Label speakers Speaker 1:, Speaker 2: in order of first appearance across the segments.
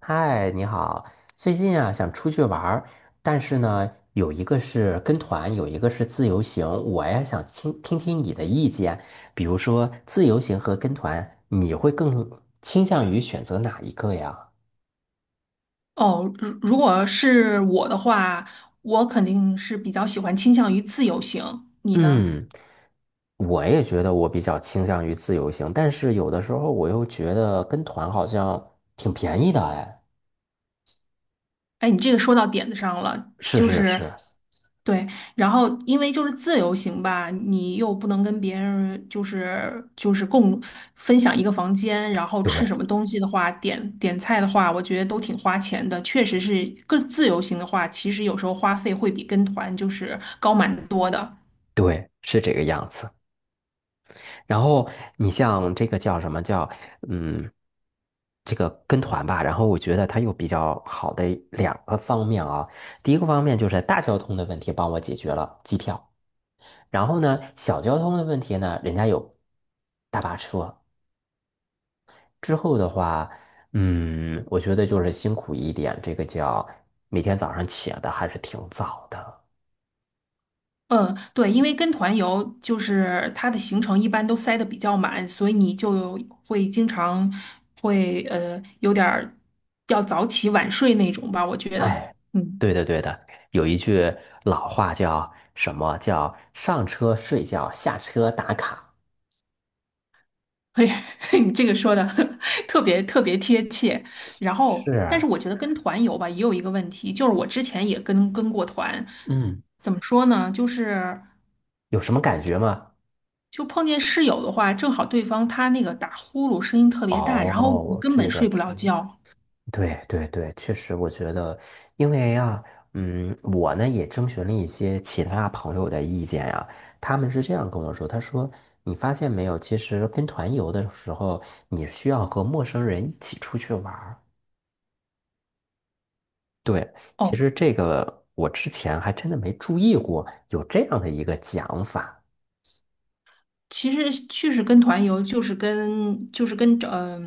Speaker 1: 嗨，你好。最近啊，想出去玩儿，但是呢，有一个是跟团，有一个是自由行。我呀，想听听你的意见。比如说，自由行和跟团，你会更倾向于选择哪一个呀？
Speaker 2: 哦，如果是我的话，我肯定是比较喜欢倾向于自由行。你呢？
Speaker 1: 嗯，我也觉得我比较倾向于自由行，但是有的时候我又觉得跟团好像挺便宜的哎。
Speaker 2: 哎，你这个说到点子上了，
Speaker 1: 是
Speaker 2: 就
Speaker 1: 是
Speaker 2: 是
Speaker 1: 是，
Speaker 2: 对，然后因为就是自由行吧，你又不能跟别人就是分享一个房间，然后吃
Speaker 1: 对
Speaker 2: 什么东西的话，点菜的话，我觉得都挺花钱的。确实是，个自由行的话，其实有时候花费会比跟团就是高蛮多的。
Speaker 1: 对，是这个样子。然后你像这个叫什么叫嗯，这个跟团吧，然后我觉得它有比较好的两个方面啊。第一个方面就是大交通的问题帮我解决了机票，然后呢，小交通的问题呢，人家有大巴车。之后的话，我觉得就是辛苦一点，这个叫每天早上起的还是挺早的。
Speaker 2: 嗯，对，因为跟团游就是它的行程一般都塞得比较满，所以你就会经常有点儿要早起晚睡那种吧，我觉得，
Speaker 1: 哎，
Speaker 2: 嗯，
Speaker 1: 对的对的，有一句老话叫什么叫上车睡觉，下车打卡。
Speaker 2: 嘿，你这个说的 特别特别贴切。然后，
Speaker 1: 是，
Speaker 2: 但是我觉得跟团游吧也有一个问题，就是我之前也跟过团，
Speaker 1: 嗯，
Speaker 2: 怎么说呢，就是
Speaker 1: 有什么感觉吗？
Speaker 2: 就碰见室友的话，正好对方他那个打呼噜声音特别大，然后你
Speaker 1: 哦，
Speaker 2: 根本
Speaker 1: 这个
Speaker 2: 睡不
Speaker 1: 是，
Speaker 2: 了觉。
Speaker 1: 对对对，确实，我觉得，因为呀、我呢也征询了一些其他朋友的意见呀、他们是这样跟我说，他说你发现没有，其实跟团游的时候，你需要和陌生人一起出去玩儿。对，其
Speaker 2: 哦。
Speaker 1: 实这个我之前还真的没注意过有这样的一个讲法。
Speaker 2: 其实去是跟团游，就是跟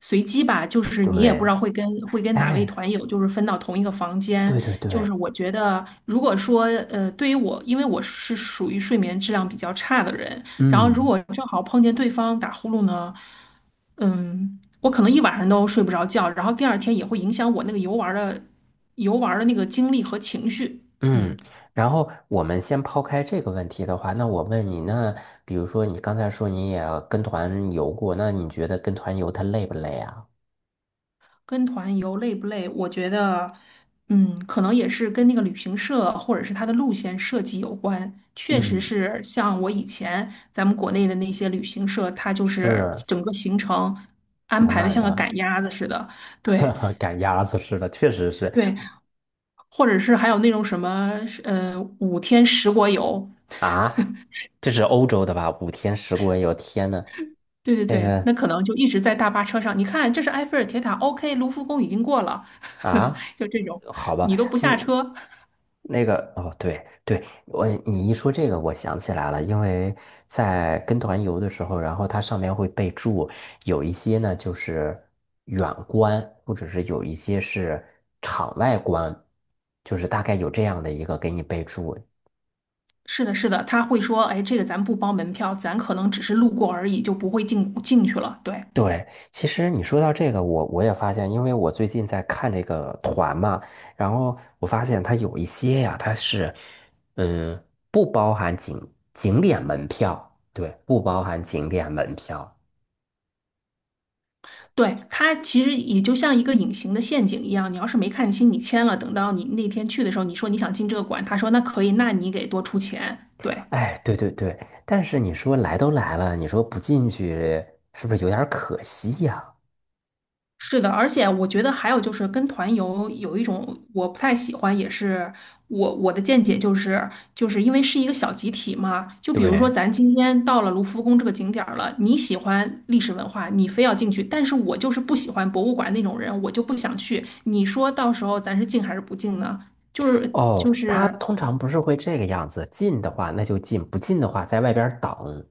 Speaker 2: 随机吧，就是你也不知
Speaker 1: 对，
Speaker 2: 道会跟哪位
Speaker 1: 哎，
Speaker 2: 团友，就是分到同一个房间。
Speaker 1: 对对
Speaker 2: 就
Speaker 1: 对，
Speaker 2: 是我觉得，如果说对于我，因为我是属于睡眠质量比较差的人，然后如
Speaker 1: 嗯
Speaker 2: 果正好碰见对方打呼噜呢，我可能一晚上都睡不着觉，然后第二天也会影响我那个游玩儿的那个精力和情绪。
Speaker 1: 嗯。
Speaker 2: 嗯。
Speaker 1: 然后我们先抛开这个问题的话，那我问你，那比如说你刚才说你也跟团游过，那你觉得跟团游它累不累啊？
Speaker 2: 跟团游累不累？我觉得，可能也是跟那个旅行社或者是它的路线设计有关。确实
Speaker 1: 嗯，
Speaker 2: 是像我以前咱们国内的那些旅行社，它就是
Speaker 1: 是
Speaker 2: 整个行程安
Speaker 1: 满
Speaker 2: 排的
Speaker 1: 满
Speaker 2: 像个
Speaker 1: 的，
Speaker 2: 赶鸭子似的。对
Speaker 1: 赶鸭子似的，确实是
Speaker 2: 对，或者是还有那种什么，5天10国游。
Speaker 1: 啊。这是欧洲的吧？5天10国游，天呐，
Speaker 2: 对对
Speaker 1: 这
Speaker 2: 对，那
Speaker 1: 个
Speaker 2: 可能就一直在大巴车上。你看，这是埃菲尔铁塔，OK，卢浮宫已经过了，
Speaker 1: 啊，
Speaker 2: 就这种，
Speaker 1: 好吧。
Speaker 2: 你都不下
Speaker 1: 嗯
Speaker 2: 车。
Speaker 1: 对对，你一说这个，我想起来了，因为在跟团游的时候，然后它上面会备注，有一些呢就是远观，或者是有一些是场外观，就是大概有这样的一个给你备注。
Speaker 2: 是的，是的，他会说，哎，这个咱不包门票，咱可能只是路过而已，就不会进去了。对，
Speaker 1: 对，其实你说到这个，我也发现，因为我最近在看这个团嘛，然后我发现它有一些呀，它是，嗯，不包含景点门票，对，不包含景点门票。
Speaker 2: 对，他其实也就像一个隐形的陷阱一样，你要是没看清，你签了，等到你那天去的时候，你说你想进这个馆，他说那可以，那你给多出钱。对，
Speaker 1: 哎，对对对，但是你说来都来了，你说不进去是不是有点儿可惜呀？
Speaker 2: 是的，而且我觉得还有就是跟团游有一种我不太喜欢，也是我的见解就是，就是因为是一个小集体嘛。就比如说
Speaker 1: 对，
Speaker 2: 咱今天到了卢浮宫这个景点儿了，你喜欢历史文化，你非要进去，但是我就是不喜欢博物馆那种人，我就不想去。你说到时候咱是进还是不进呢？就是就
Speaker 1: 哦，它
Speaker 2: 是。
Speaker 1: 通常不是会这个样子，进的话那就进，不进的话在外边儿等。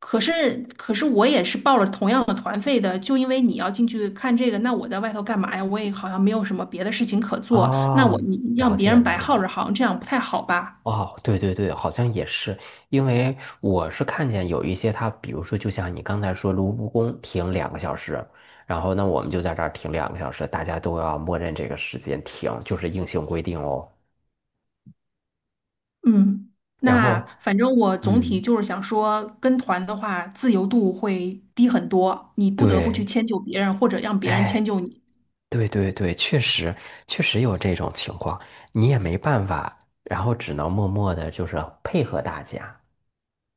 Speaker 2: 可是，我也是报了同样的团费的，就因为你要进去看这个，那我在外头干嘛呀？我也好像没有什么别的事情可做，那
Speaker 1: 哦，
Speaker 2: 我你
Speaker 1: 了
Speaker 2: 让别
Speaker 1: 解
Speaker 2: 人
Speaker 1: 了，
Speaker 2: 白耗
Speaker 1: 了
Speaker 2: 着行，
Speaker 1: 解。
Speaker 2: 好像这样不太好吧？
Speaker 1: 哦，对对对，好像也是，因为我是看见有一些他，比如说，就像你刚才说，卢浮宫停两个小时，然后那我们就在这儿停两个小时，大家都要默认这个时间停，就是硬性规定哦。
Speaker 2: 嗯，
Speaker 1: 然
Speaker 2: 那
Speaker 1: 后，
Speaker 2: 反正我总体
Speaker 1: 嗯，
Speaker 2: 就是想说，跟团的话自由度会低很多，你不得不去
Speaker 1: 对，
Speaker 2: 迁就别人，或者让别人
Speaker 1: 哎，
Speaker 2: 迁就你。
Speaker 1: 对对对，确实有这种情况，你也没办法，然后只能默默的，就是配合大家。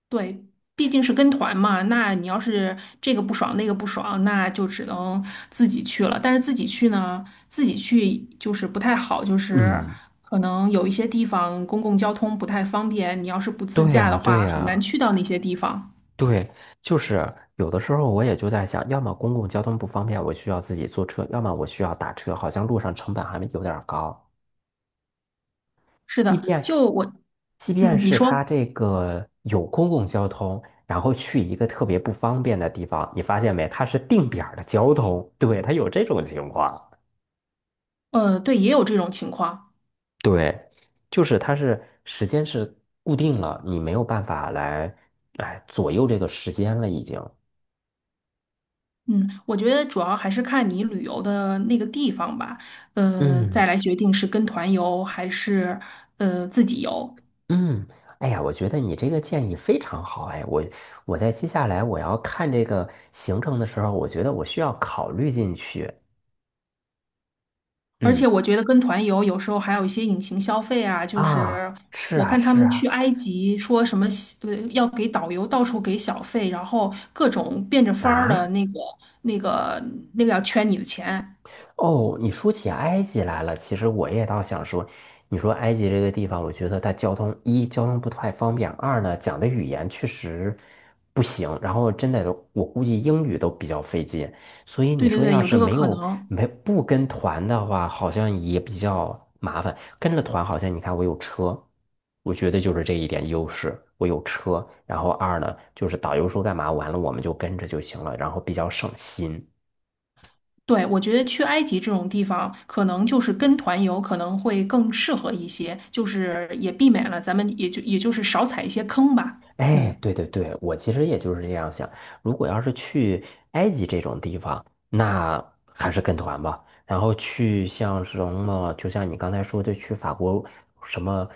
Speaker 2: 对，毕竟是跟团嘛，那你要是这个不爽那个不爽，那就只能自己去了。但是自己去就是不太好，就是
Speaker 1: 嗯，
Speaker 2: 可能有一些地方公共交通不太方便，你要是不自
Speaker 1: 对
Speaker 2: 驾
Speaker 1: 呀，
Speaker 2: 的话，
Speaker 1: 对
Speaker 2: 很难
Speaker 1: 呀。
Speaker 2: 去到那些地方。
Speaker 1: 对，就是有的时候我也就在想，要么公共交通不方便，我需要自己坐车，要么我需要打车，好像路上成本还有点儿高。
Speaker 2: 是
Speaker 1: 即
Speaker 2: 的，
Speaker 1: 便
Speaker 2: 就我，
Speaker 1: 即便
Speaker 2: 嗯，你
Speaker 1: 是它
Speaker 2: 说，
Speaker 1: 这个有公共交通，然后去一个特别不方便的地方，你发现没？它是定点儿的交通，对，它有这种情况。
Speaker 2: 对，也有这种情况。
Speaker 1: 对，就是它是时间是固定了，你没有办法来左右这个时间了，已经。
Speaker 2: 嗯，我觉得主要还是看你旅游的那个地方吧，
Speaker 1: 嗯。
Speaker 2: 再来决定是跟团游还是自己游。
Speaker 1: 嗯，哎呀，我觉得你这个建议非常好。哎，我在接下来我要看这个行程的时候，我觉得我需要考虑进去。
Speaker 2: 而
Speaker 1: 嗯，
Speaker 2: 且我觉得跟团游有时候还有一些隐形消费啊，就
Speaker 1: 啊，
Speaker 2: 是
Speaker 1: 是
Speaker 2: 我
Speaker 1: 啊，
Speaker 2: 看他
Speaker 1: 是
Speaker 2: 们
Speaker 1: 啊，
Speaker 2: 去埃及说什么要给导游到处给小费，然后各种变着法儿的
Speaker 1: 啊。
Speaker 2: 那个那个要圈你的钱。
Speaker 1: 哦，你说起埃及来了，其实我也倒想说，你说埃及这个地方，我觉得它交通一交通不太方便，二呢讲的语言确实不行，然后真的我估计英语都比较费劲，所以你
Speaker 2: 对对
Speaker 1: 说
Speaker 2: 对，
Speaker 1: 要
Speaker 2: 有
Speaker 1: 是
Speaker 2: 这个
Speaker 1: 没
Speaker 2: 可
Speaker 1: 有
Speaker 2: 能。
Speaker 1: 没不跟团的话，好像也比较麻烦。跟着团好像你看我有车，我觉得就是这一点优势，我有车，然后二呢就是导游说干嘛，完了我们就跟着就行了，然后比较省心。
Speaker 2: 对，我觉得去埃及这种地方，可能就是跟团游可能会更适合一些，就是也避免了咱们也就也就是少踩一些坑吧。
Speaker 1: 哎，
Speaker 2: 嗯。
Speaker 1: 对对对，我其实也就是这样想。如果要是去埃及这种地方，那还是跟团吧。然后去像什么，就像你刚才说的，去法国什么，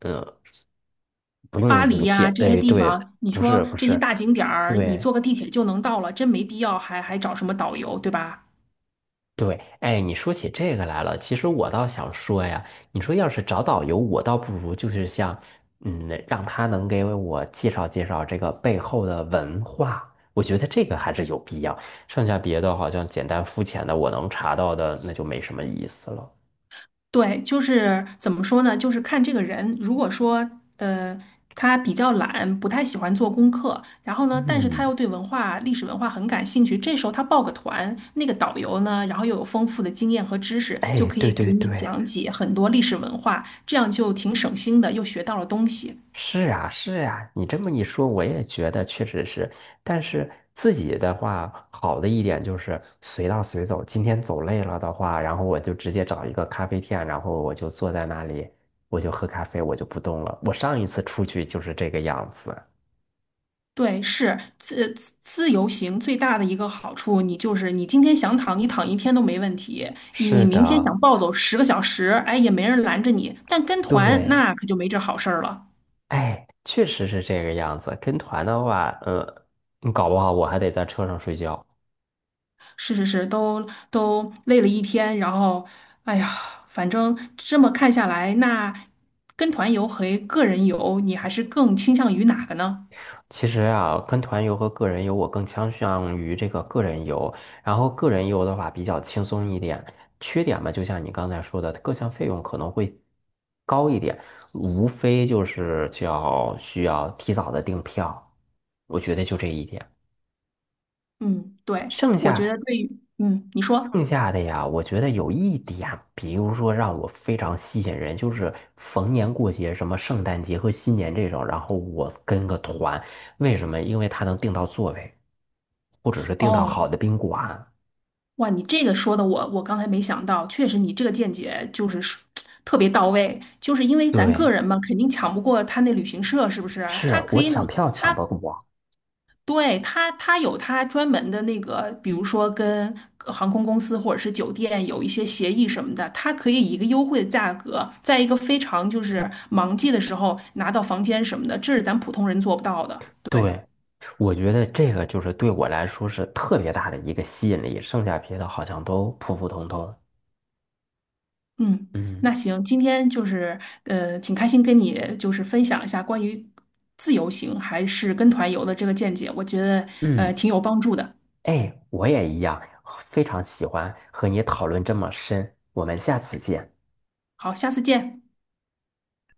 Speaker 1: 嗯，不用
Speaker 2: 巴黎
Speaker 1: 五
Speaker 2: 呀、
Speaker 1: 天。
Speaker 2: 这些
Speaker 1: 哎，
Speaker 2: 地
Speaker 1: 对，
Speaker 2: 方，你
Speaker 1: 不
Speaker 2: 说
Speaker 1: 是不
Speaker 2: 这些
Speaker 1: 是，
Speaker 2: 大景点儿，你
Speaker 1: 对
Speaker 2: 坐个地铁就能到了，真没必要还找什么导游，对吧？
Speaker 1: 对，哎，你说起这个来了，其实我倒想说呀，你说要是找导游，我倒不如就是像，让他能给我介绍介绍这个背后的文化，我觉得这个还是有必要。剩下别的好像简单肤浅的，我能查到的那就没什么意思了。
Speaker 2: 对，就是怎么说呢？就是看这个人，如果说呃他比较懒，不太喜欢做功课，然后呢，但是他
Speaker 1: 嗯，
Speaker 2: 又对文化、历史文化很感兴趣，这时候他报个团，那个导游呢，然后又有丰富的经验和知识，就
Speaker 1: 哎，
Speaker 2: 可
Speaker 1: 对
Speaker 2: 以
Speaker 1: 对
Speaker 2: 给你
Speaker 1: 对，
Speaker 2: 讲解很多历史文化，这样就挺省心的，又学到了东西。
Speaker 1: 是呀，是呀，你这么一说，我也觉得确实是。但是自己的话，好的一点就是随到随走。今天走累了的话，然后我就直接找一个咖啡店，然后我就坐在那里，我就喝咖啡，我就不动了。我上一次出去就是这个样子。
Speaker 2: 对，是自由行最大的一个好处，你就是你今天想躺，你躺一天都没问题；你
Speaker 1: 是
Speaker 2: 明天
Speaker 1: 的，
Speaker 2: 想暴走10个小时，哎，也没人拦着你。但跟团
Speaker 1: 对，
Speaker 2: 那可就没这好事儿了。
Speaker 1: 哎，确实是这个样子。跟团的话，搞不好我还得在车上睡觉。
Speaker 2: 是是是，都累了一天，然后，哎呀，反正这么看下来，那跟团游和个人游，你还是更倾向于哪个呢？
Speaker 1: 其实啊，跟团游和个人游，我更倾向于这个个人游。然后个人游的话比较轻松一点，缺点嘛，就像你刚才说的，各项费用可能会高一点，无非就是叫需要提早的订票，我觉得就这一点。
Speaker 2: 嗯，对，
Speaker 1: 剩
Speaker 2: 我觉
Speaker 1: 下
Speaker 2: 得对于，嗯，你说。
Speaker 1: 剩下的呀，我觉得有一点，比如说让我非常吸引人，就是逢年过节，什么圣诞节和新年这种，然后我跟个团，为什么？因为他能订到座位，或者是订到
Speaker 2: 哦，
Speaker 1: 好的宾馆。
Speaker 2: 哇，你这个说的我刚才没想到，确实你这个见解就是说特别到位，就是因为咱个
Speaker 1: 对，
Speaker 2: 人嘛，肯定抢不过他那旅行社，是不是啊？他
Speaker 1: 是
Speaker 2: 可
Speaker 1: 我
Speaker 2: 以哪，
Speaker 1: 抢票抢
Speaker 2: 他
Speaker 1: 不过。
Speaker 2: 他有他专门的那个，比如说跟航空公司或者是酒店有一些协议什么的，他可以以一个优惠的价格，在一个非常就是忙季的时候拿到房间什么的，这是咱普通人做不到的。对。
Speaker 1: 对，我觉得这个就是对我来说是特别大的一个吸引力，剩下别的好像都普普通通。
Speaker 2: 嗯，
Speaker 1: 嗯
Speaker 2: 那行，今天就是挺开心跟你就是分享一下关于自由行还是跟团游的这个见解，我觉得
Speaker 1: 嗯。
Speaker 2: 挺有帮助的。
Speaker 1: 哎，我也一样，非常喜欢和你讨论这么深。我们下次见。
Speaker 2: 好，下次见。